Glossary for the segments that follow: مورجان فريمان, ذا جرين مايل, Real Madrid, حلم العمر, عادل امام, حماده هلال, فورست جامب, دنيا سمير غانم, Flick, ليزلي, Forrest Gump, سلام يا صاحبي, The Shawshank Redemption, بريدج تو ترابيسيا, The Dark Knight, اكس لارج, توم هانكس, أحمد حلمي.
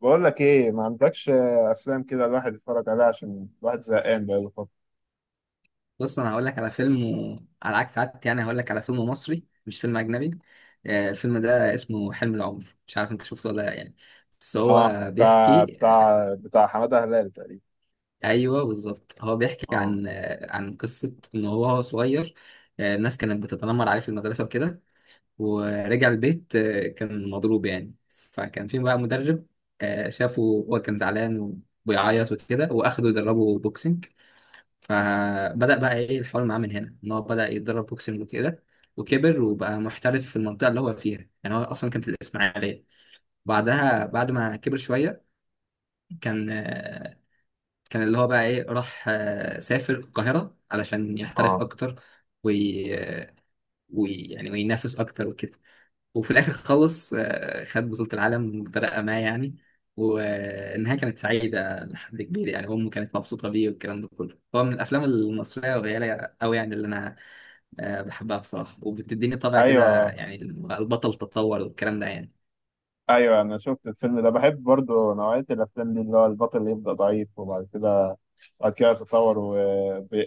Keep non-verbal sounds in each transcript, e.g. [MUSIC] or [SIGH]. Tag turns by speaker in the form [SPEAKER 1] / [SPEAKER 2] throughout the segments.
[SPEAKER 1] بقول لك ايه، ما عندكش افلام كده الواحد يتفرج عليها عشان الواحد زهقان بقاله فتره؟
[SPEAKER 2] بص، انا هقول لك على فيلم على عكس عادتي، يعني هقول لك على فيلم مصري مش فيلم اجنبي. الفيلم ده اسمه حلم العمر، مش عارف انت شفته ولا لا يعني. بس
[SPEAKER 1] اه،
[SPEAKER 2] هو
[SPEAKER 1] بتاع
[SPEAKER 2] بيحكي.
[SPEAKER 1] بتاع بتاع حماده هلال تقريبا.
[SPEAKER 2] ايوه بالظبط، هو بيحكي
[SPEAKER 1] اه،
[SPEAKER 2] عن عن قصه ان هو وهو صغير الناس كانت بتتنمر عليه في المدرسه وكده. ورجع البيت كان مضروب يعني، فكان في بقى مدرب شافه، هو كان زعلان وبيعيط وكده، واخده يدربه بوكسنج. فبدأ بقى ايه الحوار معاه من هنا، ان هو بدأ يتدرب بوكسنج وكده، وكبر وبقى محترف في المنطقة اللي هو فيها. يعني هو أصلا كان في الإسماعيلية. بعدها بعد ما كبر شوية كان كان اللي هو بقى ايه راح سافر القاهرة علشان يحترف
[SPEAKER 1] اه،
[SPEAKER 2] أكتر. وي... آه، يعني وينافس أكتر وكده. وفي الاخر خلص خد بطولة العالم بطريقة ما يعني. والنهاية كانت سعيدة لحد كبير، يعني أمه كانت مبسوطة بيه والكلام ده كله. هو من الأفلام المصرية القليلة أوي يعني، اللي أنا بحبها بصراحة، وبتديني طبع كده،
[SPEAKER 1] ايوه،
[SPEAKER 2] يعني البطل تطور والكلام ده يعني.
[SPEAKER 1] ايوه، انا شفت الفيلم ده، بحب برضو نوعيه الافلام دي، اللي هو البطل اللي يبدا ضعيف وبعد كده بعد كده يتطور،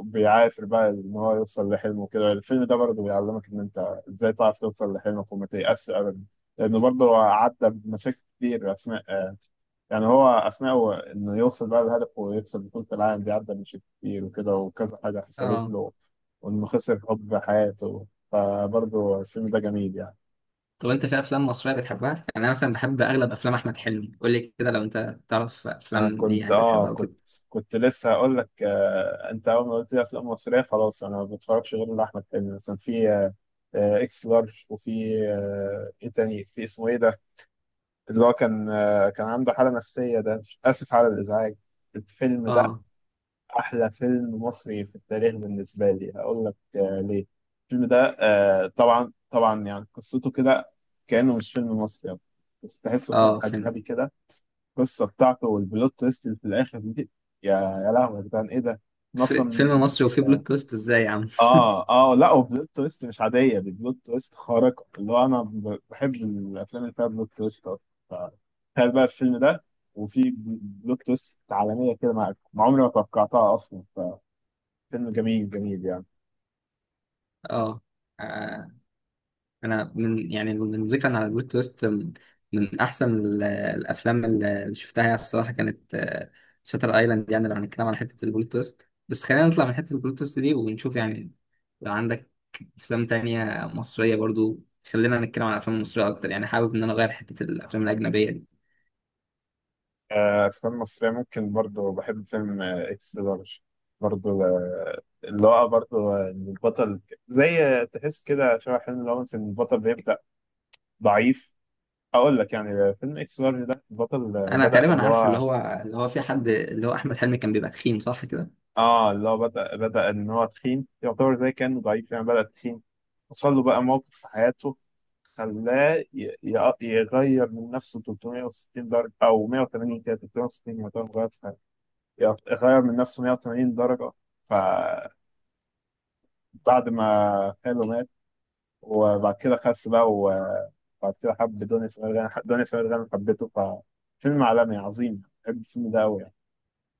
[SPEAKER 1] وبيعافر بقى ان هو يوصل لحلمه كده. الفيلم ده برضو بيعلمك ان انت ازاي تعرف توصل لحلمك وما تيأسش ابدا، لانه برضو عدى بمشاكل كتير اثناء يعني هو اثناء هو انه يوصل بقى لهدفه ويكسب بطولة العالم دي، عدى من شيء كتير وكده، وكذا حاجة حصلت
[SPEAKER 2] اه.
[SPEAKER 1] له، وانه خسر حب حياته. فبرضه الفيلم ده جميل يعني.
[SPEAKER 2] طب أنت في أفلام مصرية بتحبها؟ يعني أنا مثلا بحب أغلب أفلام أحمد حلمي. قول لي كده، لو أنت تعرف
[SPEAKER 1] انا
[SPEAKER 2] أفلام ليه
[SPEAKER 1] كنت
[SPEAKER 2] يعني
[SPEAKER 1] اه
[SPEAKER 2] بتحبها
[SPEAKER 1] كنت
[SPEAKER 2] وكده.
[SPEAKER 1] كنت لسه هقول لك، انت اول ما قلت لي افلام مصرية خلاص انا ما بتفرجش غير لاحمد حلمي. مثلا في اكس لارج، وفي ايه تاني في اسمه ايه ده، اللي هو كان عنده حالة نفسية. ده اسف على الازعاج. الفيلم ده
[SPEAKER 2] اه،
[SPEAKER 1] أحلى فيلم مصري في التاريخ بالنسبة لي. هقول لك ليه. الفيلم ده طبعا طبعا يعني قصته كده كأنه مش فيلم مصري يعني. بس تحسه فيلم
[SPEAKER 2] اه.
[SPEAKER 1] أجنبي كده، القصة بتاعته والبلوت تويست اللي في الآخر دي، يا يا لهوي يا جدعان إيه ده؟ أنا
[SPEAKER 2] في
[SPEAKER 1] أصلا
[SPEAKER 2] فيلم مصري وفيه بلوت تويست إزاي يا عم؟
[SPEAKER 1] لا، وبلوت تويست مش عادية، دي بلوت تويست خارقة. اللي هو أنا بحب الأفلام اللي فيها بلوت تويست أصلا. ف- تخيل بقى الفيلم ده، وفي بلوت تويست عالمية كده، مع عمري ما توقعتها أصلا. فيلم جميل جميل يعني.
[SPEAKER 2] اه. انا من يعني من ذكرا على بلوت تويست، من احسن الافلام اللي شفتها يعني، الصراحه كانت شاتر ايلاند. يعني لو هنتكلم على حته البلوت تويست. بس خلينا نطلع من حته البلوت تويست دي ونشوف يعني، لو عندك افلام تانية مصريه برضو. خلينا نتكلم عن الافلام المصريه اكتر، يعني حابب ان انا اغير حته الافلام الاجنبيه دي.
[SPEAKER 1] أفلام مصرية ممكن، برضو بحب فيلم إكس لارج، برضو اللي هو برضو إن البطل زي تحس كده شبه حلم، اللي هو إن البطل بيبدأ ضعيف. أقول لك يعني، فيلم إكس لارج ده البطل
[SPEAKER 2] انا
[SPEAKER 1] بدأ
[SPEAKER 2] تقريبا
[SPEAKER 1] اللي
[SPEAKER 2] عارف اللي
[SPEAKER 1] هو
[SPEAKER 2] هو في حد اللي هو احمد حلمي كان بيبقى تخين، صح كده؟
[SPEAKER 1] اللي هو بدأ إن هو تخين، يعتبر زي كأنه ضعيف يعني، بدأ تخين، حصل له بقى موقف في حياته، خلاه يغير من نفسه 360 درجة أو 180، كده 360 يعتبر غير، غير من نفسه 180 درجة. فبعد ما خاله مات، وبعد كده خس بقى، وبعد كده حب دنيا سمير غانم، دنيا سمير غانم حبته. ففيلم عالمي عظيم، بحب الفيلم ده أوي يعني.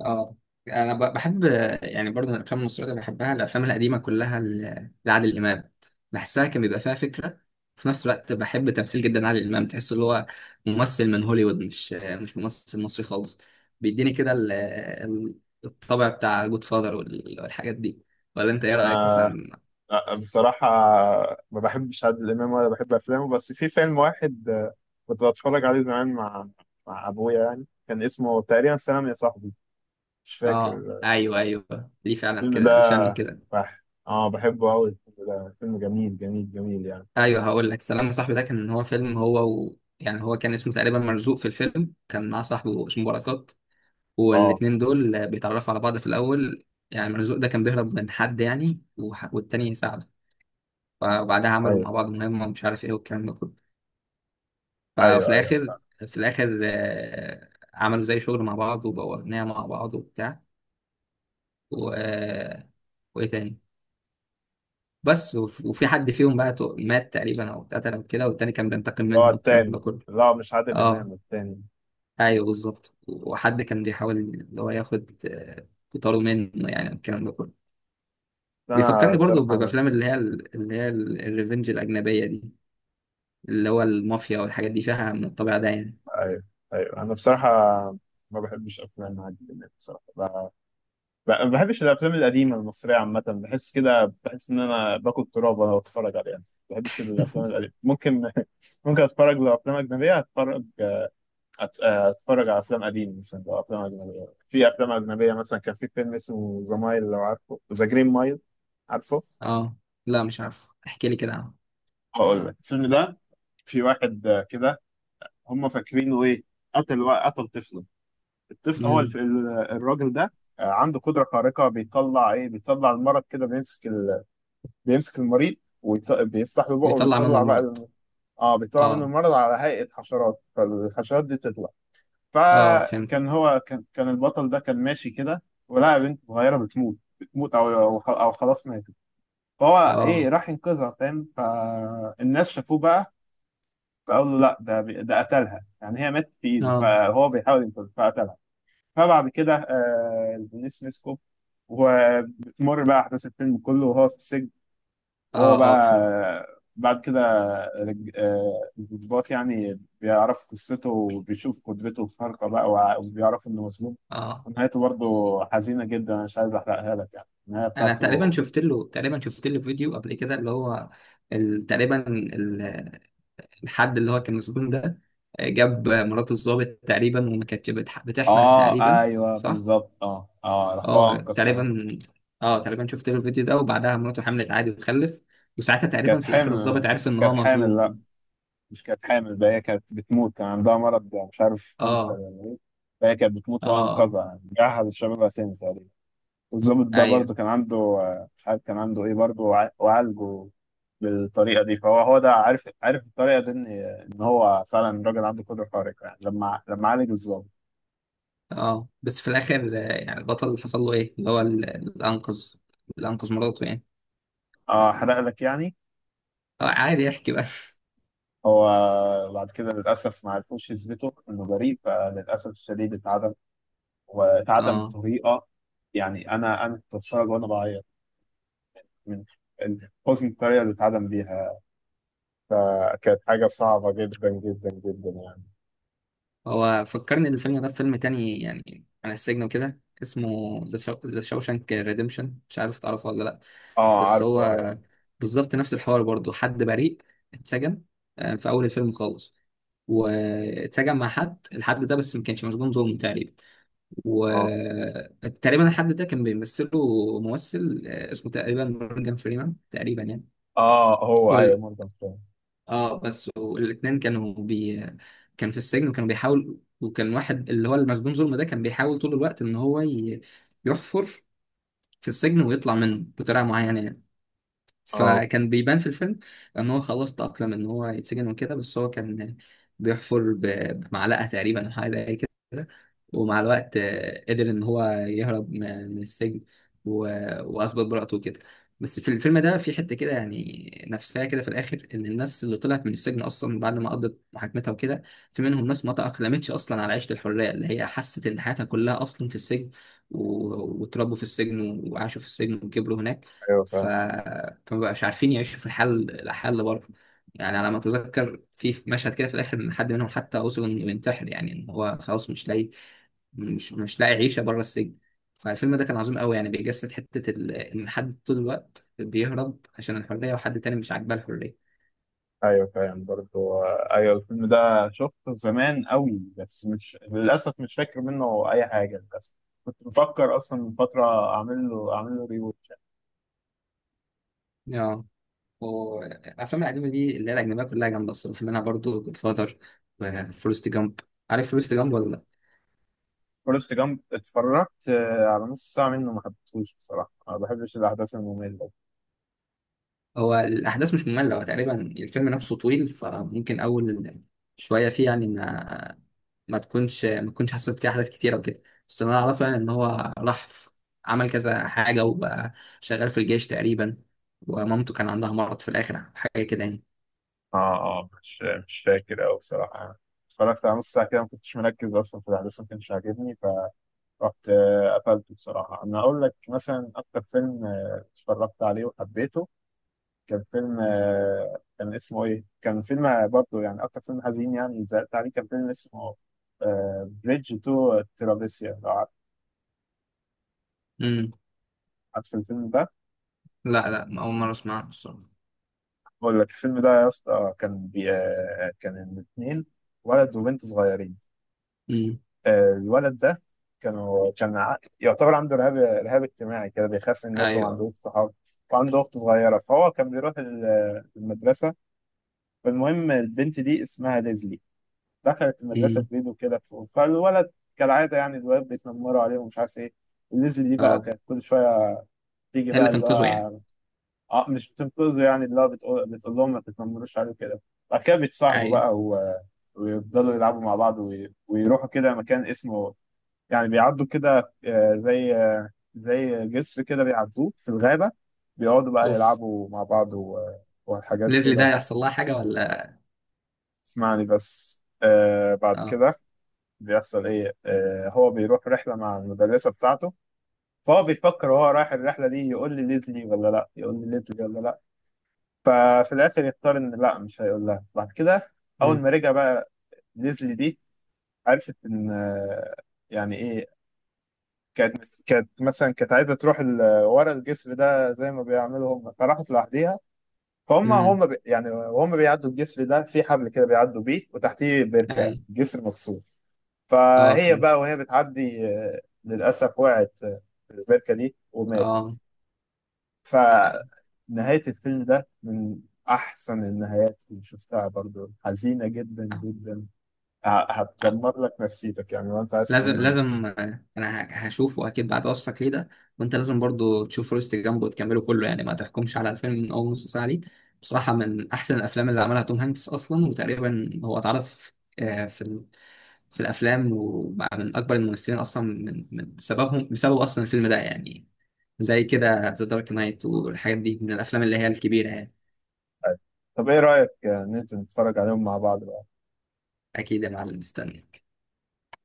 [SPEAKER 2] اه. انا بحب، يعني برضه من الافلام المصريه اللي بحبها الافلام القديمه كلها لعادل امام. بحسها كان بيبقى فيها فكره. في نفس الوقت بحب تمثيل جدا عادل امام، تحس اللي هو ممثل من هوليوود، مش ممثل مصري خالص. بيديني كده الطبع بتاع جود فاذر والحاجات دي. ولا انت ايه رايك
[SPEAKER 1] أنا
[SPEAKER 2] مثلا؟
[SPEAKER 1] بصراحة ما بحبش عادل إمام ولا بحب أفلامه، بس في فيلم واحد كنت بتفرج عليه زمان مع أبويا، يعني كان اسمه تقريبا سلام يا صاحبي، مش فاكر.
[SPEAKER 2] اه، ايوه، ايوه، ليه فعلا
[SPEAKER 1] الفيلم ده
[SPEAKER 2] كده، ليه فعلا كده.
[SPEAKER 1] بح... اه بحبه أوي، الفيلم ده فيلم جميل جميل جميل يعني.
[SPEAKER 2] ايوه هقول لك، سلام يا صاحبي ده كان هو فيلم، هو يعني هو كان اسمه تقريبا مرزوق. في الفيلم كان مع صاحبه اسمه بركات،
[SPEAKER 1] اه.
[SPEAKER 2] والاتنين دول بيتعرفوا على بعض في الأول. يعني مرزوق ده كان بيهرب من حد يعني، والتاني يساعده. فبعدها عملوا
[SPEAKER 1] أيوة.
[SPEAKER 2] مع بعض مهمة ومش عارف ايه والكلام ده كله. ففي
[SPEAKER 1] ايوه، ايوه،
[SPEAKER 2] الآخر، في الآخر عملوا زي شغل مع بعض وبقوا أغنياء مع بعض وبتاع و... آه، وإيه تاني. بس وفي حد فيهم بقى مات تقريبا أو اتقتل أو كده، والتاني كان بينتقم
[SPEAKER 1] اللي هو
[SPEAKER 2] منه والكلام ده
[SPEAKER 1] التاني،
[SPEAKER 2] كله.
[SPEAKER 1] اللي هو مش عادل
[SPEAKER 2] اه،
[SPEAKER 1] امام التاني.
[SPEAKER 2] أيوه بالظبط. وحد كان بيحاول اللي هو ياخد قطاره منه، يعني الكلام ده كله.
[SPEAKER 1] بس انا
[SPEAKER 2] بيفكرني برضو
[SPEAKER 1] الصراحه.
[SPEAKER 2] بافلام اللي هي اللي هي الريفنج الاجنبيه دي، اللي هو المافيا والحاجات دي فيها من الطبيعه ده يعني.
[SPEAKER 1] ايوه، ايوه، انا بصراحه ما بحبش افلام عادل امام الصراحه، ما بحبش الافلام القديمه المصريه عامه، بحس كده، بحس ان انا باكل تراب وانا بتفرج عليها. ما بحبش الافلام القديمه. ممكن [LAUGHS] ممكن اتفرج. لو افلام اجنبيه اتفرج، اتفرج على افلام قديمه، مثلا لو افلام اجنبيه، في افلام اجنبيه مثلا كان في فيلم اسمه ذا مايل، لو عارفه، ذا جرين مايل، عارفه
[SPEAKER 2] اه، لا مش عارف، احكي لي كده عنه.
[SPEAKER 1] هقول لك، الفيلم ده في واحد كده، هم فاكرينه ايه، قتل طفله. الطفل هو
[SPEAKER 2] امم
[SPEAKER 1] الراجل ده عنده قدرة خارقة، بيطلع ايه، بيطلع المرض كده، بيمسك بيمسك المريض، وبيفتح له بقه
[SPEAKER 2] بيطلع منه
[SPEAKER 1] وبيطلع بقى
[SPEAKER 2] المرض.
[SPEAKER 1] ال... اه بيطلع منه
[SPEAKER 2] اه،
[SPEAKER 1] المرض على هيئة حشرات، فالحشرات دي تطلع.
[SPEAKER 2] اه، فهمت.
[SPEAKER 1] فكان هو كان البطل ده كان ماشي كده، ولقى بنت صغيرة بتموت، او او أو خلاص ماتت. فهو ايه
[SPEAKER 2] اه،
[SPEAKER 1] راح ينقذها، فاهم، فالناس شافوه بقى، فقال له لا، ده ده قتلها، يعني هي ماتت في ايده،
[SPEAKER 2] اه،
[SPEAKER 1] فهو بيحاول ينقذها فقتلها. فبعد كده البوليس مسكه، وبتمر بقى احداث الفيلم كله وهو في السجن، وهو
[SPEAKER 2] اه، اه،
[SPEAKER 1] بقى
[SPEAKER 2] فهمت.
[SPEAKER 1] بعد كده الضباط يعني بيعرفوا قصته، وبيشوف قدرته الخارقة بقى، وبيعرفوا انه مظلوم.
[SPEAKER 2] اه.
[SPEAKER 1] ونهايته برضه حزينة جدا، أنا مش عايز احرقها لك يعني النهاية
[SPEAKER 2] انا
[SPEAKER 1] بتاعته.
[SPEAKER 2] تقريبا شفت له فيديو قبل كده اللي هو تقريبا الحد اللي هو كان مسجون ده جاب مرات الضابط تقريبا، وما كانتش بتحمل
[SPEAKER 1] اه،
[SPEAKER 2] تقريبا.
[SPEAKER 1] ايوه
[SPEAKER 2] صح.
[SPEAKER 1] بالظبط. اه، اه، راح هو
[SPEAKER 2] اه
[SPEAKER 1] انقذ حياته.
[SPEAKER 2] تقريبا، اه تقريبا شفت له الفيديو ده، وبعدها مراته حملت عادي وخلف، وساعتها تقريبا
[SPEAKER 1] كانت
[SPEAKER 2] في الاخر الضابط
[SPEAKER 1] حامل
[SPEAKER 2] عرف ان
[SPEAKER 1] كانت
[SPEAKER 2] هو
[SPEAKER 1] حامل،
[SPEAKER 2] مظلوم.
[SPEAKER 1] مش كانت حامل بقى، هي كانت بتموت، كان عندها مرض، مش عارف كانسر
[SPEAKER 2] اه،
[SPEAKER 1] ولا ايه. فهي كانت بتموت
[SPEAKER 2] اه،
[SPEAKER 1] وأنا
[SPEAKER 2] اه،
[SPEAKER 1] أنقذها، يعني رجعها لشبابها تاني تقريبا. الظابط ده
[SPEAKER 2] ايوه،
[SPEAKER 1] برضه كان عنده مش عارف كان عنده ايه برضه، وعالجه بالطريقة دي. هو ده عارف الطريقة دي إن هو فعلا راجل عنده قدرة خارقة يعني، لما عالج الظابط.
[SPEAKER 2] اه. بس في الاخر يعني البطل اللي حصل له ايه؟ اللي هو اللي انقذ مراته يعني.
[SPEAKER 1] اه، حرق لك يعني.
[SPEAKER 2] عادي يحكي بقى [LAUGHS]
[SPEAKER 1] هو بعد كده للأسف ما عرفوش يثبتوا إنه بريء، فللأسف الشديد اتعدم، واتعدم
[SPEAKER 2] اه،
[SPEAKER 1] بطريقة يعني، أنا كنت بتفرج وأنا بعيط من حسن الطريقة اللي اتعدم بيها، فكانت حاجة صعبة جدا جدا جدا يعني.
[SPEAKER 2] هو فكرني الفيلم ده فيلم تاني يعني عن السجن وكده، اسمه ذا شاوشانك ريديمشن، مش عارف تعرفه ولا لأ.
[SPEAKER 1] اه،
[SPEAKER 2] بس
[SPEAKER 1] عارفه، ايوه.
[SPEAKER 2] هو بالظبط نفس الحوار برضه. حد بريء اتسجن في أول الفيلم خالص، واتسجن مع حد، الحد ده بس ما كانش مسجون ظلم تقريبا.
[SPEAKER 1] اه،
[SPEAKER 2] وتقريبا الحد ده كان بيمثله ممثل اسمه تقريبا مورجان فريمان تقريبا
[SPEAKER 1] اه، هو ايوه
[SPEAKER 2] يعني.
[SPEAKER 1] مورجان فريمان.
[SPEAKER 2] اه. بس والاثنين كانوا كان في السجن وكانوا بيحاول. وكان واحد اللي هو المسجون ظلم ده كان بيحاول طول الوقت ان هو يحفر في السجن ويطلع منه بطريقه معينه يعني.
[SPEAKER 1] اه،
[SPEAKER 2] فكان بيبان في الفيلم ان هو خلاص تأقلم ان هو يتسجن وكده. بس هو كان بيحفر بمعلقة تقريبا او حاجة زي كده. ومع الوقت قدر ان هو يهرب من السجن و- واثبت براءته وكده. بس في الفيلم ده في حتة كده يعني نفسها كده في الاخر، ان الناس اللي طلعت من السجن اصلا بعد ما قضت محاكمتها وكده، في منهم ناس ما تأقلمتش اصلا على عيشة الحرية، اللي هي حست ان حياتها كلها اصلا في السجن، واتربوا في السجن وعاشوا في السجن وكبروا هناك.
[SPEAKER 1] ايوه
[SPEAKER 2] ف...
[SPEAKER 1] فاهم.
[SPEAKER 2] فمبقاش عارفين يعيشوا في الحال اللي بره. يعني على ما اتذكر في مشهد كده في الاخر، ان حد منهم حتى وصل انه ينتحر، يعني ان هو خلاص مش لاقي عيشه بره السجن. فالفيلم ده كان عظيم قوي يعني، بيجسد حته ان حد طول الوقت بيهرب عشان الحريه، وحد تاني مش عاجباه الحريه.
[SPEAKER 1] ايوه فاهم برضه. ايوه الفيلم ده شفته زمان قوي، بس مش للاسف مش فاكر منه اي حاجه للاسف. كنت بفكر اصلا من فتره اعمل له ريوتش.
[SPEAKER 2] اه. والافلام القديمه دي اللي هي الاجنبيه كلها جامده الصراحه، منها برضو جود فاذر وفورست جامب. عارف فورست جامب ولا لأ؟
[SPEAKER 1] فورست جامب اتفرجت على نص ساعه منه، ما حبيتهوش بصراحه، ما بحبش الاحداث الممله.
[SPEAKER 2] هو الأحداث مش مملة، هو تقريبا الفيلم نفسه طويل، فممكن أول شوية فيه يعني ما تكونش حصلت فيه أحداث كتيرة وكده. بس اللي أنا أعرفه يعني إن هو راح عمل كذا حاجة وبقى شغال في الجيش تقريبا، ومامته كان عندها مرض في الآخر حاجة كده يعني.
[SPEAKER 1] اه، اه، مش فاكر أوي بصراحة، اتفرجت على نص ساعة كده، ما كنتش مركز أصلا في الأحداث، ما كانش عاجبني، فرحت قفلته بصراحة. أنا أقول لك مثلا أكتر فيلم اتفرجت عليه وحبيته، كان فيلم كان اسمه إيه؟ كان فيلم برضه يعني أكتر فيلم حزين يعني زعلت عليه، كان فيلم اسمه بريدج تو ترابيسيا، لو عارف،
[SPEAKER 2] امم
[SPEAKER 1] عارف الفيلم ده.
[SPEAKER 2] لا، لا، أول مرة أسمعها بصراحة.
[SPEAKER 1] أقول لك، الفيلم ده يا اسطى، كان بي آه، كان الاتنين ولد وبنت صغيرين.
[SPEAKER 2] امم.
[SPEAKER 1] الولد ده كانوا يعتبر عنده رهاب اجتماعي كده، بيخاف من الناس وما
[SPEAKER 2] أيوه.
[SPEAKER 1] عندهوش صحاب، وعنده أخت صغيرة، فهو كان بيروح المدرسة. فالمهم البنت دي اسمها ليزلي، دخلت المدرسة
[SPEAKER 2] امم.
[SPEAKER 1] جديد وكده، فالولد كالعادة يعني الولاد بيتنمروا عليه ومش عارف إيه، ليزلي دي بقى
[SPEAKER 2] أه.
[SPEAKER 1] كانت كل شوية تيجي
[SPEAKER 2] هي اللي
[SPEAKER 1] بقى اللي
[SPEAKER 2] تنقذه
[SPEAKER 1] هو
[SPEAKER 2] يعني؟
[SPEAKER 1] مش بتنقذه يعني، اللي هو بتقول لهم ما تتنمروش عليه كده. بعد كده بيتصاحبوا
[SPEAKER 2] أيوه.
[SPEAKER 1] بقى ويفضلوا يلعبوا مع بعض ويروحوا كده مكان اسمه، يعني بيعدوا كده زي زي جسر كده بيعدوه في الغابة، بيقعدوا بقى
[SPEAKER 2] أوف.
[SPEAKER 1] يلعبوا مع بعض وحاجات
[SPEAKER 2] ليزلي ده
[SPEAKER 1] كده.
[SPEAKER 2] هيحصل لها حاجة ولا؟
[SPEAKER 1] اسمعني بس، بعد
[SPEAKER 2] أه.
[SPEAKER 1] كده بيحصل ايه. هو بيروح رحلة مع المدرسة بتاعته، فهو بيفكر وهو رايح الرحلة دي، يقول لي ليزلي ولا لا، يقول لي ليزلي ولا لا. ففي الآخر يختار إن لا، مش هيقول لها. بعد كده أول
[SPEAKER 2] امم.
[SPEAKER 1] ما رجع بقى ليزلي دي عرفت إن يعني إيه، كانت مثلا كانت عايزه تروح ورا الجسر ده زي ما بيعملوا هم، فراحت لوحديها. فهم
[SPEAKER 2] امم.
[SPEAKER 1] هم بي يعني وهم بيعدوا الجسر ده في حبل كده بيعدوا بيه وتحتيه بركه،
[SPEAKER 2] أيوه.
[SPEAKER 1] جسر مكسور.
[SPEAKER 2] أه،
[SPEAKER 1] فهي
[SPEAKER 2] فهمت.
[SPEAKER 1] بقى وهي بتعدي، للأسف وقعت في البركة دي وماتت.
[SPEAKER 2] أه. أيوة.
[SPEAKER 1] فنهاية الفيلم ده من أحسن النهايات اللي شفتها، برضو حزينة جدا جدا، هتدمر لك نفسيتك يعني، وأنت عايز
[SPEAKER 2] لازم،
[SPEAKER 1] تدمر نفسيتك.
[SPEAKER 2] لازم انا هشوفه اكيد بعد وصفك ليه ده. وانت لازم برضو تشوف فورست جامب وتكمله كله، يعني ما تحكمش على الفيلم من اول نص ساعه ليه. بصراحه من احسن الافلام اللي عملها توم هانكس اصلا، وتقريبا هو اتعرف في في الافلام وبقى من اكبر الممثلين اصلا، من بسببهم، بسبب اصلا الفيلم ده يعني. زي كده ذا دارك نايت والحاجات دي، من الافلام اللي هي الكبيره يعني.
[SPEAKER 1] طب إيه رأيك ننزل نتفرج عليهم مع بعض بقى؟
[SPEAKER 2] اكيد يا معلم، مستنيك.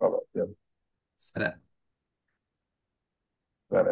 [SPEAKER 1] خلاص، يلا.
[SPEAKER 2] سلام.
[SPEAKER 1] سلام.